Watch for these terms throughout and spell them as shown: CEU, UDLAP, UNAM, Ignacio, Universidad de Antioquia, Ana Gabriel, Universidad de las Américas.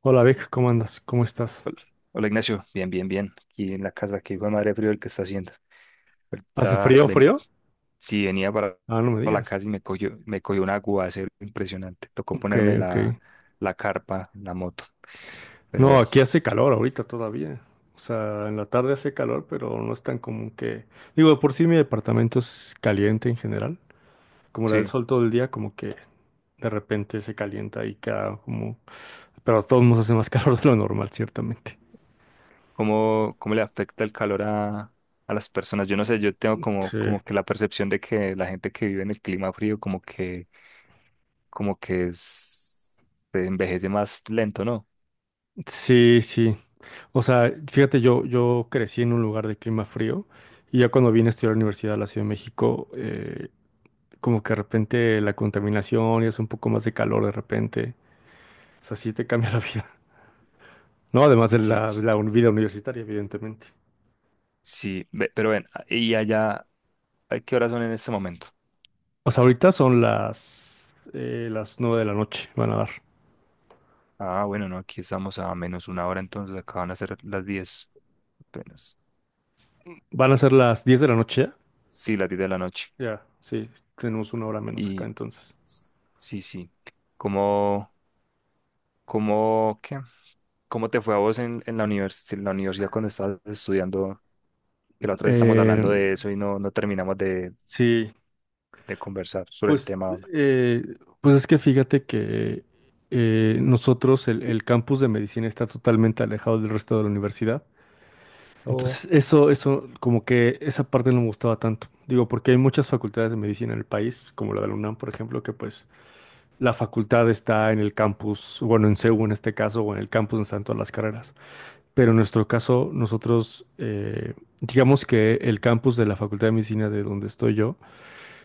Hola Vic, ¿cómo andas? ¿Cómo estás? Hola, Ignacio, bien, bien. Aquí en la casa, que hijo de madre frío el que está haciendo. ¿Hace Ahorita frío, ven, frío? sí, Ah, no me para la digas. casa y me cogió un aguacero impresionante. Tocó Ok, ponerme ok. La carpa, en la moto. Pero No, bueno, aquí hace calor ahorita todavía. O sea, en la tarde hace calor, pero no es tan común que... Digo, de por sí mi departamento es caliente en general. Como le da el sí. sol todo el día, como que de repente se calienta y queda como... Pero a todos nos hace más calor de lo normal, ciertamente. ¿Cómo, cómo le afecta el calor a las personas? Yo no sé, yo tengo como, Sí. como que la percepción de que la gente que vive en el clima frío como que es, se envejece más lento, ¿no? Sí, sí. O sea, fíjate, yo crecí en un lugar de clima frío y ya cuando vine a estudiar a la Universidad de la Ciudad de México, como que de repente la contaminación y hace un poco más de calor de repente. O sea, sí te cambia la vida, ¿no? Además de Sí, la, vida universitaria, evidentemente. sí, pero ven, ¿y allá a qué horas son en este momento? O sea, ahorita son las 9 de la noche, van a dar. Ah, bueno, no, aquí estamos a menos una hora, entonces acaban a ser las 10, apenas. Van a ser las 10 de la noche ya. Sí, las 10 de la noche. Ya, sí, tenemos una hora menos acá Y entonces. sí, sí. ¿Cómo, cómo, qué? ¿Cómo te fue a vos en la en la universidad cuando estabas estudiando? Que la otra vez estamos Eh, hablando de eso y no, sí, de conversar sobre el pues, tema. eh, pues es que fíjate que nosotros, el campus de medicina está totalmente alejado del resto de la universidad. Oh, Entonces, eso, como que esa parte no me gustaba tanto. Digo, porque hay muchas facultades de medicina en el país, como la de la UNAM, por ejemplo, que pues la facultad está en el campus, bueno, en CEU en este caso, o en el campus donde están todas las carreras. Pero en nuestro caso, nosotros, digamos que el campus de la Facultad de Medicina de donde estoy yo,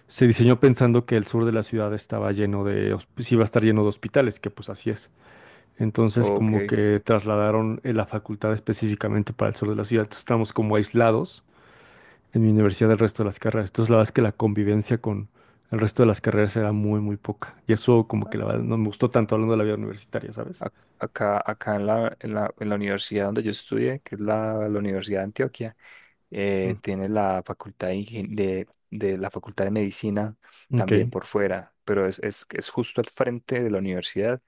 se diseñó pensando que el sur de la ciudad estaba lleno sí iba a estar lleno de hospitales, que pues así es. Entonces, ok. como que trasladaron la facultad específicamente para el sur de la ciudad. Entonces, estamos como aislados en mi universidad del resto de las carreras. Entonces, la verdad es que la convivencia con el resto de las carreras era muy, muy poca. Y eso como que la verdad no me gustó tanto hablando de la vida universitaria, ¿sabes? A- Acá, en la universidad donde yo estudié, que es la Universidad de Antioquia. Mm, Tiene la facultad de, de la facultad de medicina ok. también por fuera, pero es justo al frente de la universidad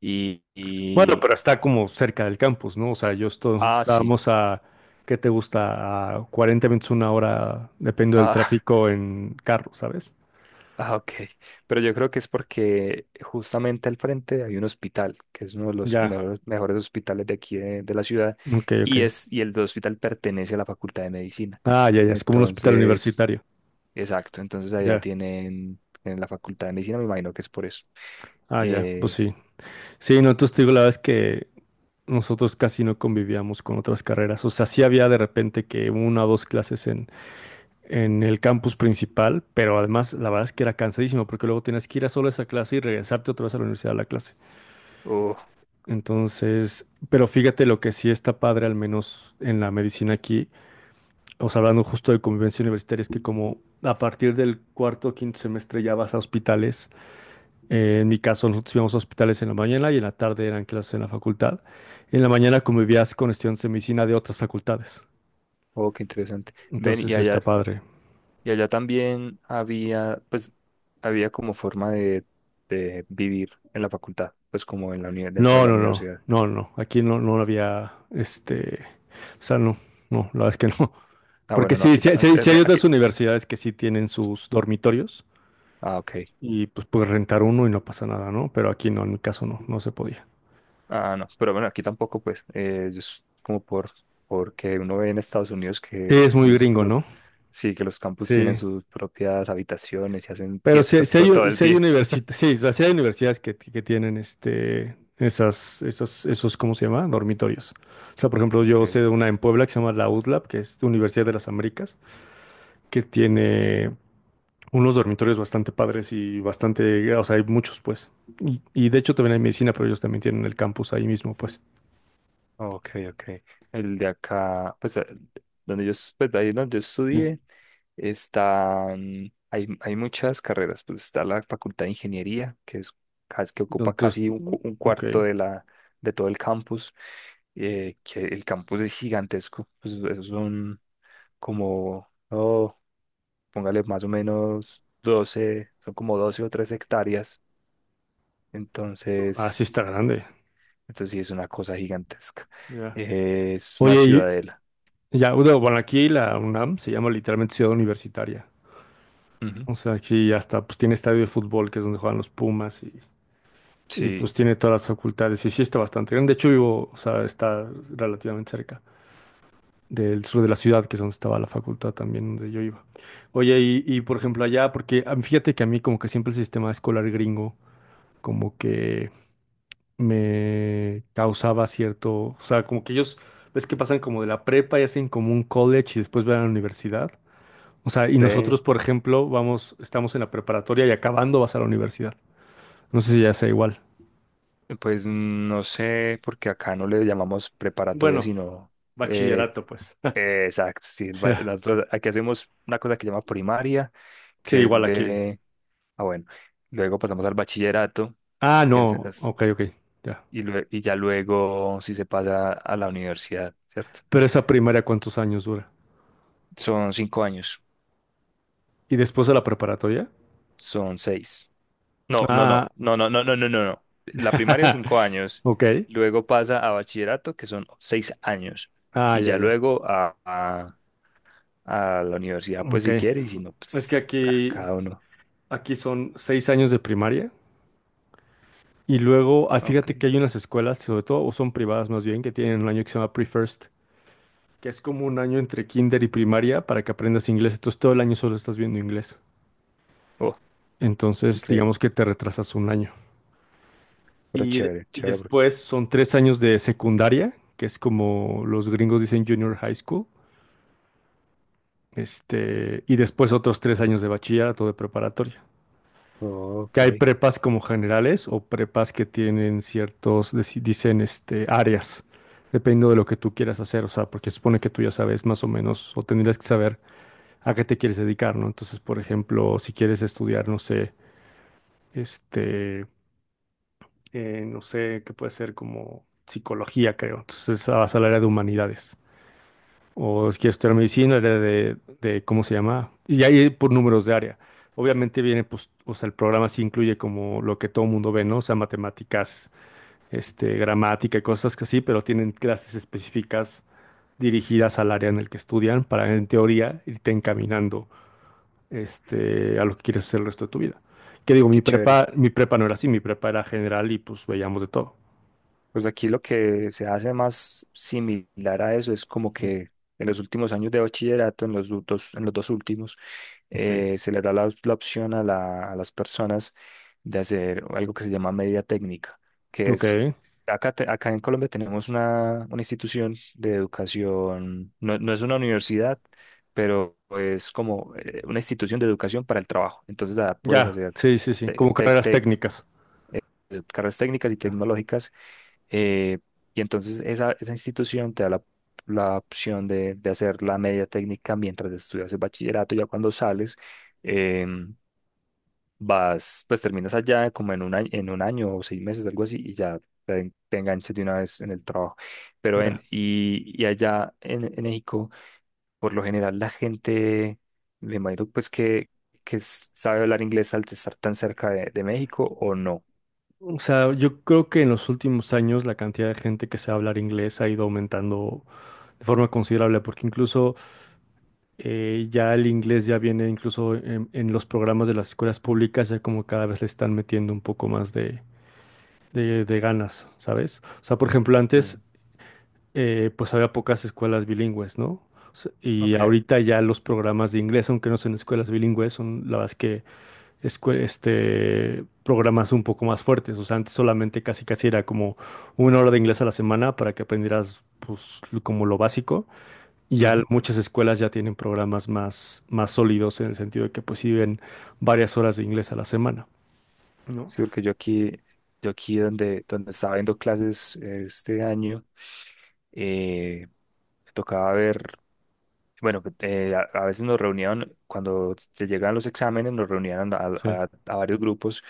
y, Bueno, y- pero está como cerca del campus, ¿no? O sea, nosotros ah, sí, estábamos a, ¿qué te gusta? A 40 minutos, una hora, depende del ah, tráfico en carro, ¿sabes? ah, ok, pero yo creo que es porque justamente al frente hay un hospital, que es uno de los Ya, mejores, mejores hospitales de aquí de la ciudad ok, ok. y, es, y el hospital pertenece a la facultad de medicina. Ah, ya, ya, es como un hospital Entonces, universitario. exacto, entonces allá Ya, tienen, en la facultad de medicina, me imagino que es por eso. ah, ya, pues Eh, sí. Sí, no, entonces te digo, la verdad es que nosotros casi no convivíamos con otras carreras. O sea, sí había de repente que una o dos clases en el campus principal, pero además la verdad es que era cansadísimo porque luego tenías que ir a solo esa clase y regresarte otra vez a la universidad a la clase. Oh, Entonces, pero fíjate lo que sí está padre, al menos en la medicina aquí, o sea, hablando justo de convivencia universitaria, es que como a partir del cuarto o quinto semestre ya vas a hospitales. En mi caso, nosotros íbamos a hospitales en la mañana y en la tarde eran clases en la facultad. En la mañana convivías con estudiantes de medicina de otras facultades. oh, qué interesante. Ven, Entonces está padre. y allá también había, pues, había como forma de vivir en la facultad, pues como en la dentro de No, la no, no, universidad. no, no. Aquí no, no había, o sea, no, no, la verdad es que no. Ah, Porque bueno, no, sí, aquí, sí, sí- sí hay otras aquí, universidades que sí tienen sus dormitorios ah, ok. y pues puedes rentar uno y no pasa nada, ¿no? Pero aquí no, en mi caso no, no se podía. Ah, no, pero bueno, aquí tampoco, pues, yo es como por, porque uno ve en Estados Unidos Sí, que es muy gringo, ¿no? los, sí, que los campus tienen Sí, sus propias habitaciones y hacen pero sí, fiestas sí todo, hay, todo u- el sí hay día. universita- sí, o sea, sí hay universidades que tienen este, esas, esos, ¿cómo se llama? Dormitorios. O sea, por ejemplo, yo sé Ok. de una en Puebla que se llama la UDLAP, que es Universidad de las Américas, que tiene unos dormitorios bastante padres y bastante, o sea, hay muchos, pues. Y de hecho también hay medicina, pero ellos también tienen el campus ahí mismo, pues. Ok, ok. El de acá, pues donde yo, pues, ahí donde yo Sí. estudié, están, hay muchas carreras, pues está la Facultad de Ingeniería, que es que ocupa Entonces, casi un, un ok. cuarto de todo el campus, que el campus es gigantesco, pues esos son como, oh, póngale más o menos 12, son como 12 o 13 hectáreas, Así está entonces, grande. entonces sí es una cosa gigantesca. Ya. Es una Oye, ciudadela. Ya, bueno, aquí la UNAM se llama literalmente Ciudad Universitaria. Ujú. O sea, aquí hasta pues tiene estadio de fútbol, que es donde juegan los Pumas, y, Sí, pues tiene todas las facultades. Y sí está bastante grande. De hecho, vivo, o sea, está relativamente cerca del sur de la ciudad, que es donde estaba la facultad también, donde yo iba. Oye, y, por ejemplo allá, porque fíjate que a mí como que siempre el sistema escolar gringo como que me causaba cierto, o sea, como que ellos, ves que pasan como de la prepa y hacen como un college y después van a la universidad. O sea, y ve, nosotros, por ejemplo, vamos, estamos en la preparatoria y acabando vas a la universidad. No sé si ya sea igual. pues no sé, porque acá no le llamamos preparatoria, Bueno, sino eh, bachillerato, pues. Exacto, sí, Ya. nosotros aquí hacemos una cosa que se llama primaria, Sí, que es igual aquí. de, ah bueno, luego pasamos al bachillerato, Ah, que es, no. Ok, ok. Ya. y, y ya luego sí se pasa a la universidad, ¿cierto? Pero esa primaria, ¿cuántos años dura? Son 5 años, ¿Y después de la preparatoria? son 6. No, no, Ah, no, no, no, no, no, no, no. No. La primaria es 5 años, ok. luego pasa a bachillerato, que son 6 años, Ah, y ya, ya ya. luego a la universidad, pues Ok. si quiere, y si no, Es que pues a aquí, cada uno. aquí son 6 años de primaria. Y luego, fíjate Ok. que hay unas escuelas, sobre todo, o son privadas más bien, que tienen un año que se llama Pre-First, que es como un año entre kinder y primaria para que aprendas inglés. Entonces, todo el año solo estás viendo inglés. Oh, Entonces, increíble, digamos que te retrasas un año. pero Y, de- chévere, y chévere. Después son 3 años de secundaria, que es como los gringos dicen junior high school. Y después otros 3 años de bachillerato de preparatoria. Oh, Que hay ok, prepas como generales o prepas que tienen ciertos, dicen, áreas, dependiendo de lo que tú quieras hacer. O sea, porque supone que tú ya sabes más o menos, o tendrías que saber a qué te quieres dedicar, ¿no? Entonces, por ejemplo, si quieres estudiar, no sé, este. No sé, qué puede ser como psicología, creo. Entonces, a al área de humanidades. O si quieres estudiar medicina, área de, ¿cómo se llama? Y ahí por números de área. Obviamente viene, pues, o sea, el programa sí incluye como lo que todo el mundo ve, ¿no? O sea, matemáticas, gramática y cosas que así, pero tienen clases específicas dirigidas al área en el que estudian para, en teoría, irte encaminando, a lo que quieres hacer el resto de tu vida. Que digo, mi qué chévere. prepa, mi prepa no era así, mi prepa era general y pues veíamos de todo. Pues aquí lo que se hace más similar a eso es como Mm. que en los últimos años de bachillerato, en los en los dos últimos, Ok. Se le da la opción a, a las personas de hacer algo que se llama media técnica, que Ok, es, acá, acá en Colombia tenemos una institución de educación, no, no es una universidad, pero es como una institución de educación para el trabajo. Entonces, ah, puedes ya, hacer sí, sí, sí, te- como te- carreras te- técnicas. carreras técnicas y tecnológicas eh, y entonces esa institución te da la opción de hacer la media técnica mientras estudias el bachillerato. Ya cuando sales, em, vas, pues terminas allá como en un año o 6 meses, algo así, y ya te enganchas de una vez en el trabajo. Pero Ya. en, y allá en México, por lo general, la gente, me imagino pues que sabe hablar inglés al estar tan cerca de México o no. O sea, yo creo que en los últimos años la cantidad de gente que sabe hablar inglés ha ido aumentando de forma considerable, porque incluso ya el inglés ya viene incluso en los programas de las escuelas públicas, ya como cada vez le están metiendo un poco más de ganas, ¿sabes? O sea, por ejemplo, antes Mm, pues había pocas escuelas bilingües, ¿no? O sea, y ok. ahorita ya los programas de inglés, aunque no son escuelas bilingües, son la verdad es que programas un poco más fuertes. O sea, antes solamente casi casi era como una hora de inglés a la semana para que aprendieras pues, como lo básico. Y ya muchas escuelas ya tienen programas más, más sólidos en el sentido de que pues sí ven varias horas de inglés a la semana, ¿no? Sí, porque yo aquí donde estaba viendo clases este año, eh, me tocaba ver, bueno, pues, a veces nos reunían, cuando se llegaban los exámenes, nos reunían Sí, a varios grupos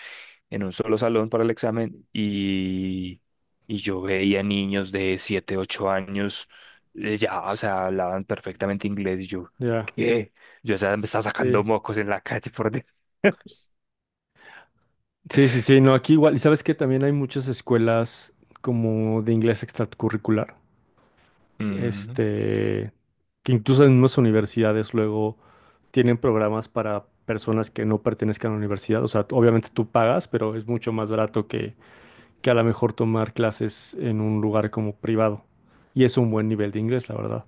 en un solo salón para el examen y yo veía niños de 7 8 años, ya, o sea, hablaban perfectamente inglés y yo, ya. ¿qué? Yo, o sea, me estaba sacando Sí. mocos en la calle por... dentro. Sí, sí, sí, no, aquí igual. Y sabes que también hay muchas escuelas como de inglés extracurricular. Ujú, este, que incluso en mismas universidades luego tienen programas para personas que no pertenezcan a la universidad. O sea, obviamente tú pagas, pero es mucho más barato que a lo mejor tomar clases en un lugar como privado. Y es un buen nivel de inglés, la verdad.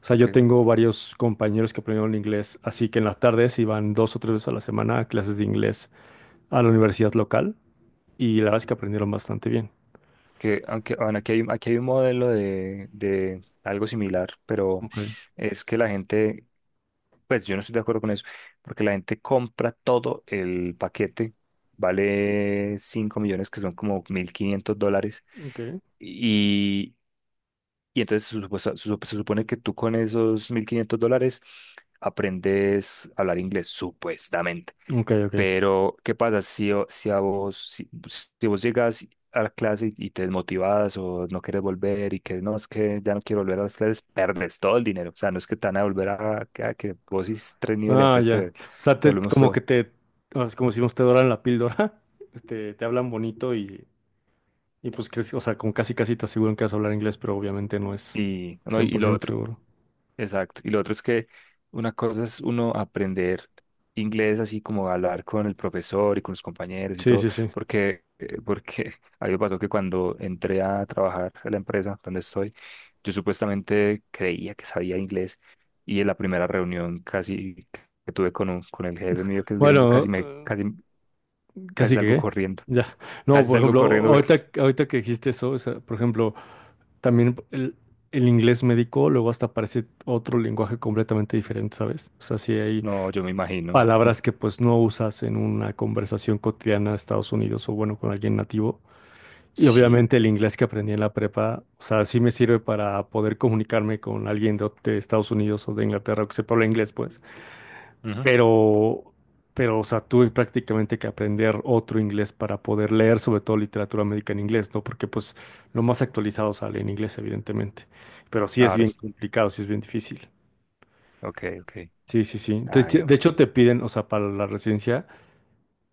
O sea, yo ok. tengo varios compañeros que aprendieron inglés, así que en las tardes iban dos o tres veces a la semana a clases de inglés a la universidad local y la verdad es que aprendieron bastante bien. Que, aunque, bueno, aquí hay, aquí hay un modelo de algo similar, pero Ok. es que la gente, pues yo no estoy de acuerdo con eso, porque la gente compra todo el paquete, vale 5 millones, que son como $1,500, Ok, y, y entonces se supone que tú con esos $1,500 aprendes a hablar inglés, supuestamente. ok, ok. Pero ¿qué pasa si a vos, si, si vos llegas a la clase y te desmotivas o no quieres volver y que no, es que ya no quiero volver a las clases, perdes todo el dinero. O sea, no es que te van a volver a que vos hiciste tres niveles, Ah, entonces ya. te, O sea, te te, volvemos como que todo. te, es como si te doran la píldora, te hablan bonito y pues, o sea, con casi casi te aseguran que vas a hablar inglés, pero obviamente no es Y, no, y lo 100% otro. seguro. Exacto. Y lo otro es que una cosa es uno aprender inglés así como hablar con el profesor y con los compañeros y Sí, todo, sí, sí. porque, porque a mí me pasó que cuando entré a trabajar en la empresa donde estoy, yo supuestamente creía que sabía inglés y en la primera reunión casi que tuve con, con el jefe mío que es gringo, Bueno, casi casi que, salgo ¿qué? corriendo, Ya. No, casi por salgo ejemplo, corriendo porque ahorita que dijiste eso, o sea, por ejemplo, también el inglés médico luego hasta parece otro lenguaje completamente diferente, ¿sabes? O sea, sí hay no, yo me imagino. Mm. palabras que pues no usas en una conversación cotidiana de Estados Unidos o bueno, con alguien nativo. Y Sí. obviamente el inglés que aprendí en la prepa, o sea, sí me sirve para poder comunicarme con alguien de Estados Unidos o de Inglaterra que sepa hablar inglés, pues. Ujú. Pero, pero, o sea, tuve prácticamente que aprender otro inglés para poder leer sobre todo literatura médica en inglés, ¿no? Porque pues lo más actualizado sale en inglés, evidentemente. Pero sí es Ah, bien complicado, sí es bien difícil. ok, ok. Sí, sí, sí. De, Ay, hecho, de hombre. hecho, te piden, o sea, para la residencia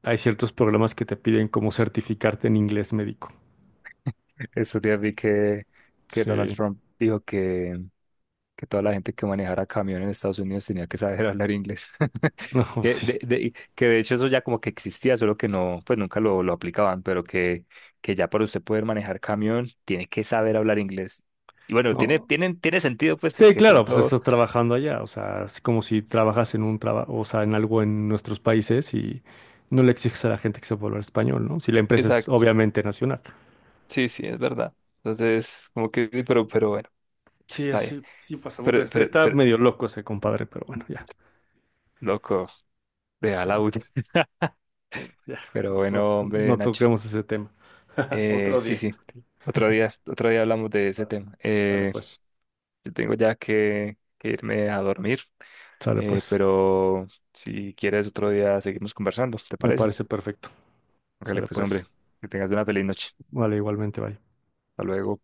hay ciertos programas que te piden como certificarte en inglés médico. Estos días vi que Donald Sí. Trump dijo que toda la gente que manejara camión en Estados Unidos tenía que saber hablar inglés. No, Que sí. de, que de hecho eso ya como que existía, solo que no, pues nunca lo aplicaban, pero que ya para usted poder manejar camión tiene que saber hablar inglés. Y bueno, No. Tiene sentido pues Sí, porque de claro, pues pronto... estás trabajando allá, o sea, es como si S- trabajas en un trabajo, o sea, en algo en nuestros países y no le exiges a la gente que sepa hablar español, ¿no? Si la empresa es Exacto, obviamente nacional. sí, sí, es verdad. Entonces, como que, pero bueno, Sí, está bien. así, sí pasa. Puta, Está, está Pero, medio loco ese compadre, pero bueno, ya. loco, deja Sí, la sí, bulla. sí. No, ya, Pero mejor bueno, hombre, no Nacho. toquemos ese tema. Otro Sí, día. sí. Otro día hablamos de ese Vale. tema. Sale pues, Yo tengo ya que irme a dormir, sale pues. pero si quieres otro día seguimos conversando, ¿te Me parece? parece perfecto. Hágale Sale pues, hombre, pues. que tengas una feliz noche. Vale, igualmente, vaya. Hasta luego.